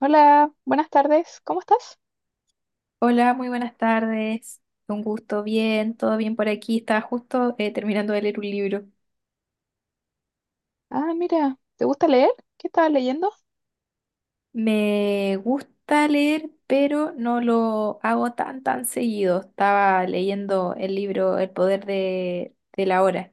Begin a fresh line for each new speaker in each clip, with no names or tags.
Hola, buenas tardes, ¿cómo estás?
Hola, muy buenas tardes. Un gusto, bien, todo bien por aquí. Estaba justo terminando de leer un libro.
Ah, mira, ¿te gusta leer? ¿Qué estabas leyendo?
Me gusta leer, pero no lo hago tan seguido. Estaba leyendo el libro El poder de la hora,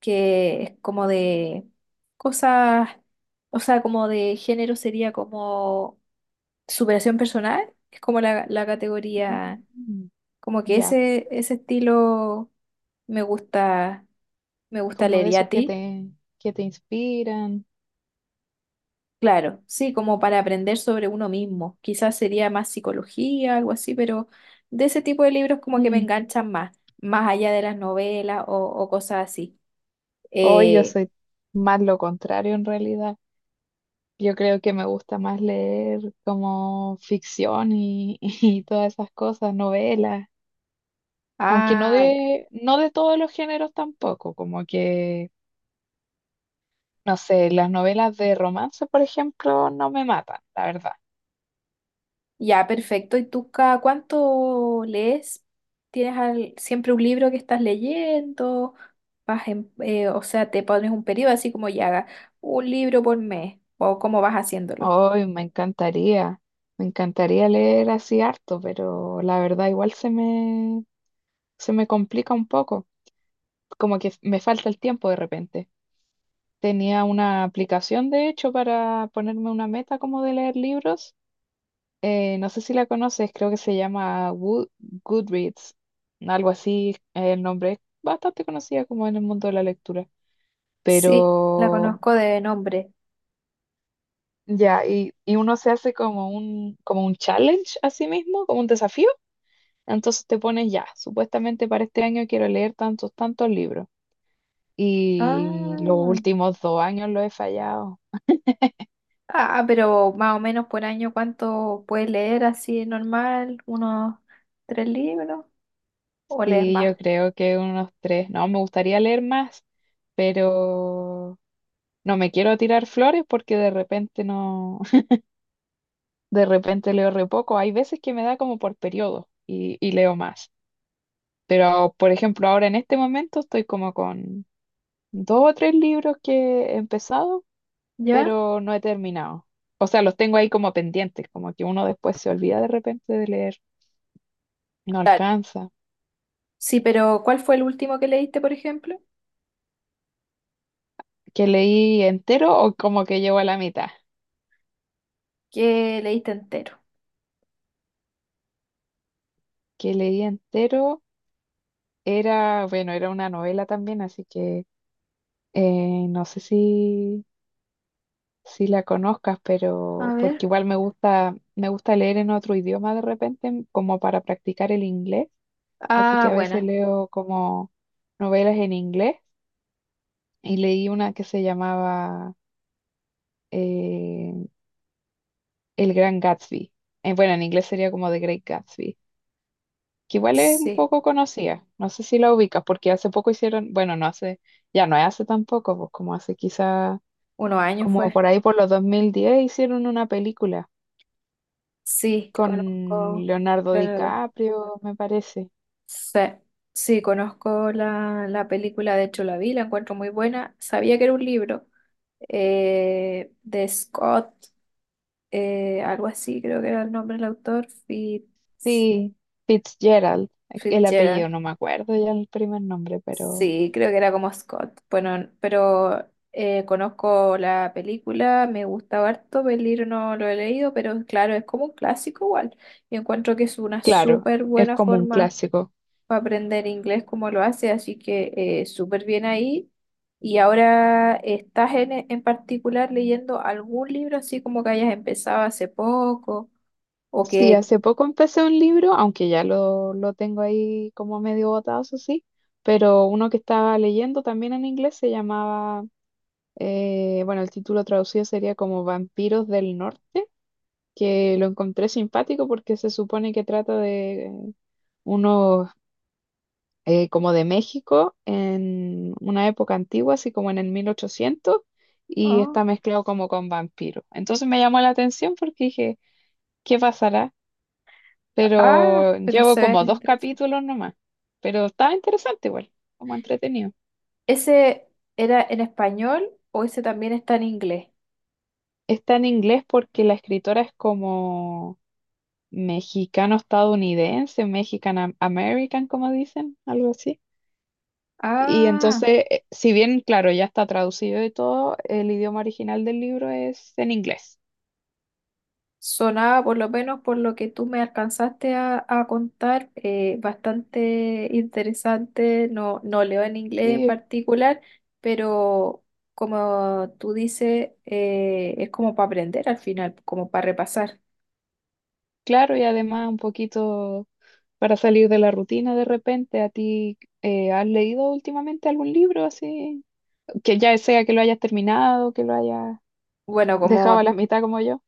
que es como de cosas, o sea, como de género sería como superación personal. Es como la categoría,
Mm,
como que
ya,
ese estilo me gusta, me gusta
como
leer.
de
¿Y a
esos que
ti?
te, que te inspiran.
Claro, sí, como para aprender sobre uno mismo. Quizás sería más psicología, algo así, pero de ese tipo de libros como que me
Mm,
enganchan más, más allá de las novelas o cosas así.
hoy yo
Eh,
soy más lo contrario en realidad. Yo creo que me gusta más leer como ficción y, y todas esas cosas, novelas, aunque no
ya,
de, no de todos los géneros tampoco, como que, no sé, las novelas de romance, por ejemplo, no me matan, la verdad.
ya, perfecto. ¿Y tú cada cuánto lees? ¿Tienes siempre un libro que estás leyendo? O sea, te pones un periodo así como ya haga un libro por mes o cómo vas haciéndolo.
Hoy me encantaría leer así harto, pero la verdad igual se me complica un poco, como que me falta el tiempo de repente. Tenía una aplicación, de hecho, para ponerme una meta como de leer libros. No sé si la conoces, creo que se llama Goodreads, algo así, el nombre es bastante conocida como en el mundo de la lectura,
Sí, la
pero
conozco de nombre.
ya, y uno se hace como un challenge a sí mismo, como un desafío. Entonces te pones ya, supuestamente para este año quiero leer tantos, tantos libros. Y los
Ah.
últimos 2 años lo he fallado.
Ah, pero más o menos por año, ¿cuánto puedes leer así normal? ¿Unos tres libros? ¿O lees
Sí, yo
más?
creo que unos tres. No, me gustaría leer más, pero no me quiero tirar flores porque de repente no, de repente leo re poco. Hay veces que me da como por periodo y leo más. Pero, por ejemplo, ahora en este momento estoy como con dos o tres libros que he empezado
¿Ya?
pero no he terminado. O sea, los tengo ahí como pendientes, como que uno después se olvida de repente de leer, no
Claro.
alcanza.
Sí, pero ¿cuál fue el último que leíste, por ejemplo?
Que leí entero o como que llevo a la mitad.
Que leíste entero.
Que leí entero era, bueno, era una novela también, así que no sé si la conozcas,
A
pero
ver.
porque igual me gusta leer en otro idioma de repente, como para practicar el inglés. Así que
Ah,
a veces
buena.
leo como novelas en inglés y leí una que se llamaba eh, El Gran Gatsby. Bueno, en inglés sería como The Great Gatsby, que igual es un
Sí.
poco conocida. No sé si la ubicas, porque hace poco hicieron, bueno, no hace, ya no es hace tampoco, pues como hace quizá,
Unos años
como
fue.
por ahí por los 2010 hicieron una película
Sí,
con
conozco.
Leonardo
Leonardo.
DiCaprio, me parece.
Sí. Sí, conozco la película, de hecho la vi, la encuentro muy buena. Sabía que era un libro de Scott, algo así, creo que era el nombre del autor,
Sí, Fitzgerald, el apellido,
Fitzgerald.
no me acuerdo ya el primer nombre, pero
Sí, creo que era como Scott. Bueno, pero conozco la película, me gusta harto, el libro no lo he leído, pero claro, es como un clásico igual. Y encuentro que es una
claro,
súper
es
buena
como un
forma
clásico.
para aprender inglés como lo hace, así que súper bien ahí. Y ahora, ¿estás en particular leyendo algún libro así como que hayas empezado hace poco o
Sí,
que...
hace poco empecé un libro, aunque ya lo tengo ahí como medio botado, eso sí, pero uno que estaba leyendo también en inglés se llamaba, bueno, el título traducido sería como Vampiros del Norte, que lo encontré simpático porque se supone que trata de unos como de México en una época antigua, así como en el 1800, y
¿ah?
está mezclado como con vampiros. Entonces me llamó la atención porque dije, ¿qué pasará?
Ah,
Pero
pero
llevo
se ve
como dos
interesante.
capítulos nomás, pero estaba interesante igual, como entretenido.
¿Ese era en español o ese también está en inglés?
Está en inglés porque la escritora es como mexicano-estadounidense, mexican-american, como dicen, algo así. Y
Ah,
entonces, si bien, claro, ya está traducido y todo, el idioma original del libro es en inglés.
sonaba por lo menos por lo que tú me alcanzaste a contar, bastante interesante. No, no leo en inglés en
Sí, es
particular, pero como tú dices, es como para aprender al final, como para repasar.
claro, y además un poquito para salir de la rutina de repente. ¿A ti has leído últimamente algún libro así? Que ya sea que lo hayas terminado, que lo hayas
Bueno,
dejado a
como
la mitad como yo.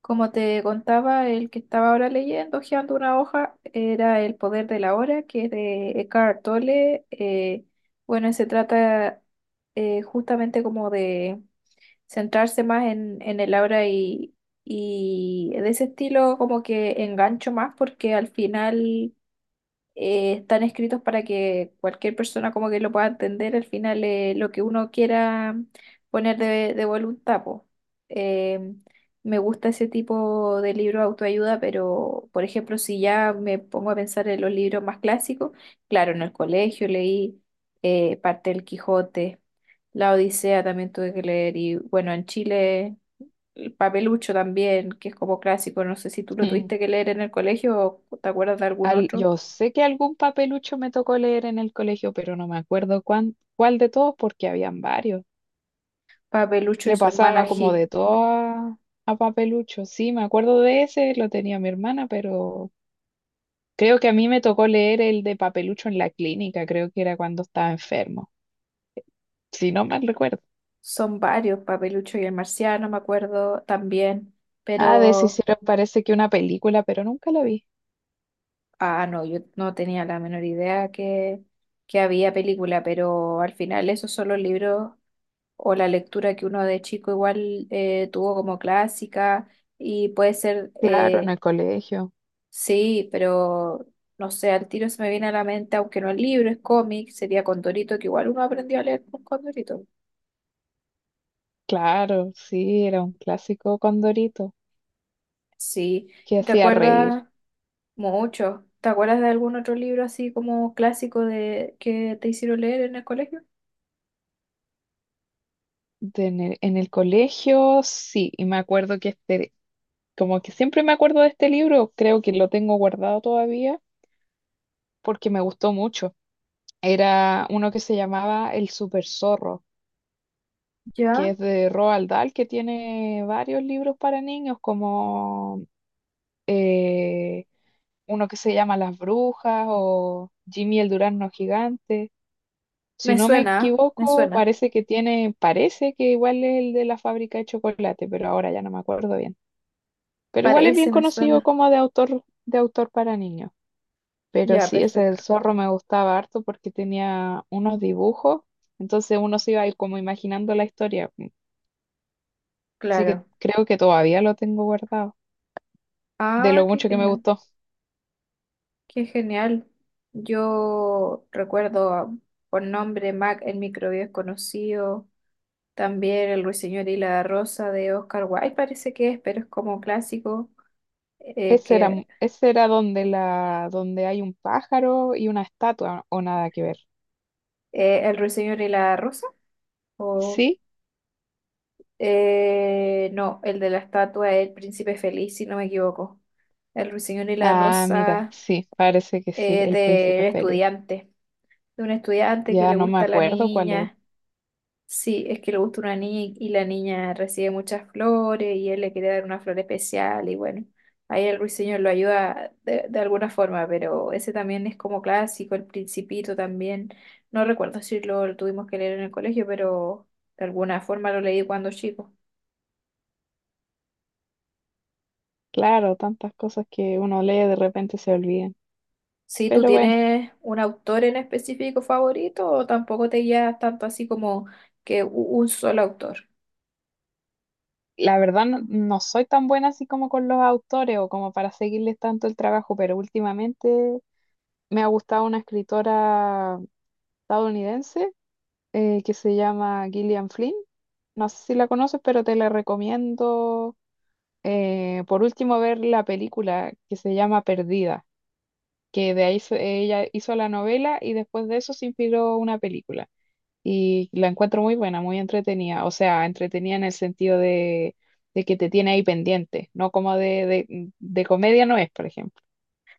Como te contaba, el que estaba ahora leyendo, hojeando una hoja, era El poder de la hora, que es de Eckhart Tolle. Bueno, se trata justamente como de centrarse más en el ahora y de ese estilo como que engancho más porque al final están escritos para que cualquier persona como que lo pueda entender al final lo que uno quiera poner de voluntad, po. Eh, Me gusta ese tipo de libro de autoayuda, pero por ejemplo, si ya me pongo a pensar en los libros más clásicos, claro, en el colegio leí parte del Quijote, La Odisea también tuve que leer y bueno, en Chile... El Papelucho también, que es como clásico, no sé si tú lo
Mm.
tuviste que leer en el colegio o te acuerdas de algún otro.
Yo sé que algún papelucho me tocó leer en el colegio, pero no me acuerdo cuál de todos porque habían varios.
Papelucho y
Le
su hermana
pasaba oh, como
G.
de todo a papelucho. Sí, me acuerdo de ese, lo tenía mi hermana, pero creo que a mí me tocó leer el de papelucho en la clínica, creo que era cuando estaba enfermo, si no mal recuerdo.
Son varios, Papelucho y el marciano, me acuerdo también,
Ah, de ese
pero,
hicieron parece que una película, pero nunca la vi.
ah, no, yo no tenía la menor idea que había película, pero al final esos son los libros o la lectura que uno de chico igual tuvo como clásica y puede ser,
Claro, en el colegio.
sí, pero no sé, al tiro se me viene a la mente, aunque no es libro, es cómic, sería Condorito, que igual uno aprendió a leer con Condorito.
Claro, sí, era un clásico Condorito
Sí,
que
¿y ¿te
hacía reír.
acuerdas? Mucho. ¿Te acuerdas de algún otro libro así como clásico de que te hicieron leer en el colegio?
De en el colegio, sí, y me acuerdo que este, como que siempre me acuerdo de este libro, creo que lo tengo guardado todavía porque me gustó mucho. Era uno que se llamaba El Super Zorro, que
Ya,
es de Roald Dahl, que tiene varios libros para niños, como eh, uno que se llama Las Brujas o Jimmy el Durazno Gigante. Si
me
no me
suena, me
equivoco,
suena.
parece que tiene, parece que igual es el de la fábrica de chocolate, pero ahora ya no me acuerdo bien. Pero igual es bien
Parece, me
conocido
suena.
como de autor para niños. Pero
Ya,
sí, ese
perfecto.
del zorro me gustaba harto porque tenía unos dibujos, entonces uno se iba ahí como imaginando la historia. Así que
Claro.
creo que todavía lo tengo guardado, de
Ah,
lo
qué
mucho que me
genial,
gustó.
qué genial. Yo recuerdo por nombre Mac, el microbio es conocido. También El Ruiseñor y la Rosa de Oscar Wilde parece que es, pero es como clásico.
Ese era,
Que
m- ese era donde la, donde hay un pájaro y una estatua, o nada que ver.
El Ruiseñor y la Rosa. O.
Sí.
No, el de la estatua es el príncipe feliz, si no me equivoco. El ruiseñor y la
Ah, mira,
rosa,
sí, parece que sí, El Príncipe
del
Feliz.
estudiante. De un estudiante que
Ya
le
no me
gusta a la
acuerdo cuál es.
niña. Sí, es que le gusta una niña y la niña recibe muchas flores y él le quiere dar una flor especial y bueno, ahí el ruiseñor lo ayuda de alguna forma, pero ese también es como clásico, el principito también. No recuerdo si lo tuvimos que leer en el colegio, pero de alguna forma lo leí cuando chico.
Claro, tantas cosas que uno lee de repente se olvidan.
Si tú
Pero bueno,
tienes un autor en específico favorito o tampoco te guías tanto así como que u- un solo autor.
la verdad no, no soy tan buena así como con los autores o como para seguirles tanto el trabajo, pero últimamente me ha gustado una escritora estadounidense que se llama Gillian Flynn. No sé si la conoces, pero te la recomiendo, por último ver la película que se llama Perdida. Que de ahí ella hizo la novela y después de eso se inspiró una película. Y la encuentro muy buena, muy entretenida. O sea, entretenida en el sentido de, que te tiene ahí pendiente, no como de comedia no es, por ejemplo.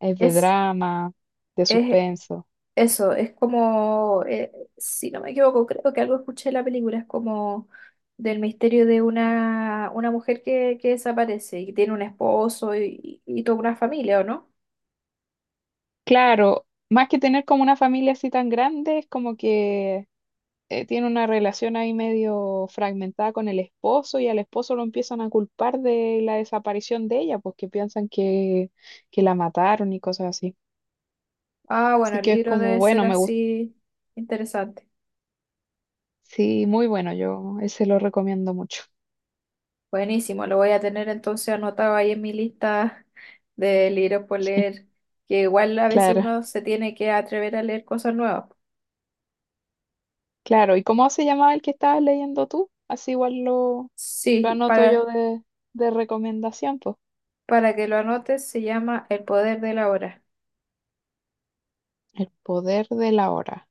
Es de
Es,
drama, de
es
suspenso.
eso, es como, si no me equivoco, creo que algo escuché en la película, es como del misterio de una mujer que desaparece y tiene un esposo y toda una familia, ¿o no?
Claro, más que tener como una familia así tan grande, es como que tiene una relación ahí medio fragmentada con el esposo y al esposo lo empiezan a culpar de la desaparición de ella, porque piensan que la mataron y cosas así.
Ah, bueno,
Así
el
que es
libro
como,
debe ser
bueno, me gusta.
así interesante.
Sí, muy bueno, yo ese lo recomiendo mucho.
Buenísimo, lo voy a tener entonces anotado ahí en mi lista de libros por leer, que igual a veces
Claro,
uno se tiene que atrever a leer cosas nuevas.
claro. ¿Y cómo se llamaba el que estabas leyendo tú? Así igual lo,
Sí,
anoto yo
para,
de recomendación, pues.
para que lo anotes se llama El poder de la hora.
El poder de la hora.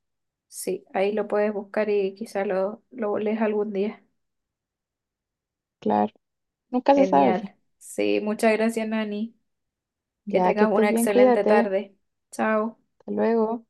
Sí, ahí lo puedes buscar y quizá lo lees algún día.
Claro, nunca se sabe, po.
Genial. Sí, muchas gracias, Nani. Que
Ya que
tengas
estés
una
bien,
excelente
cuídate.
tarde. Chao.
Hasta luego.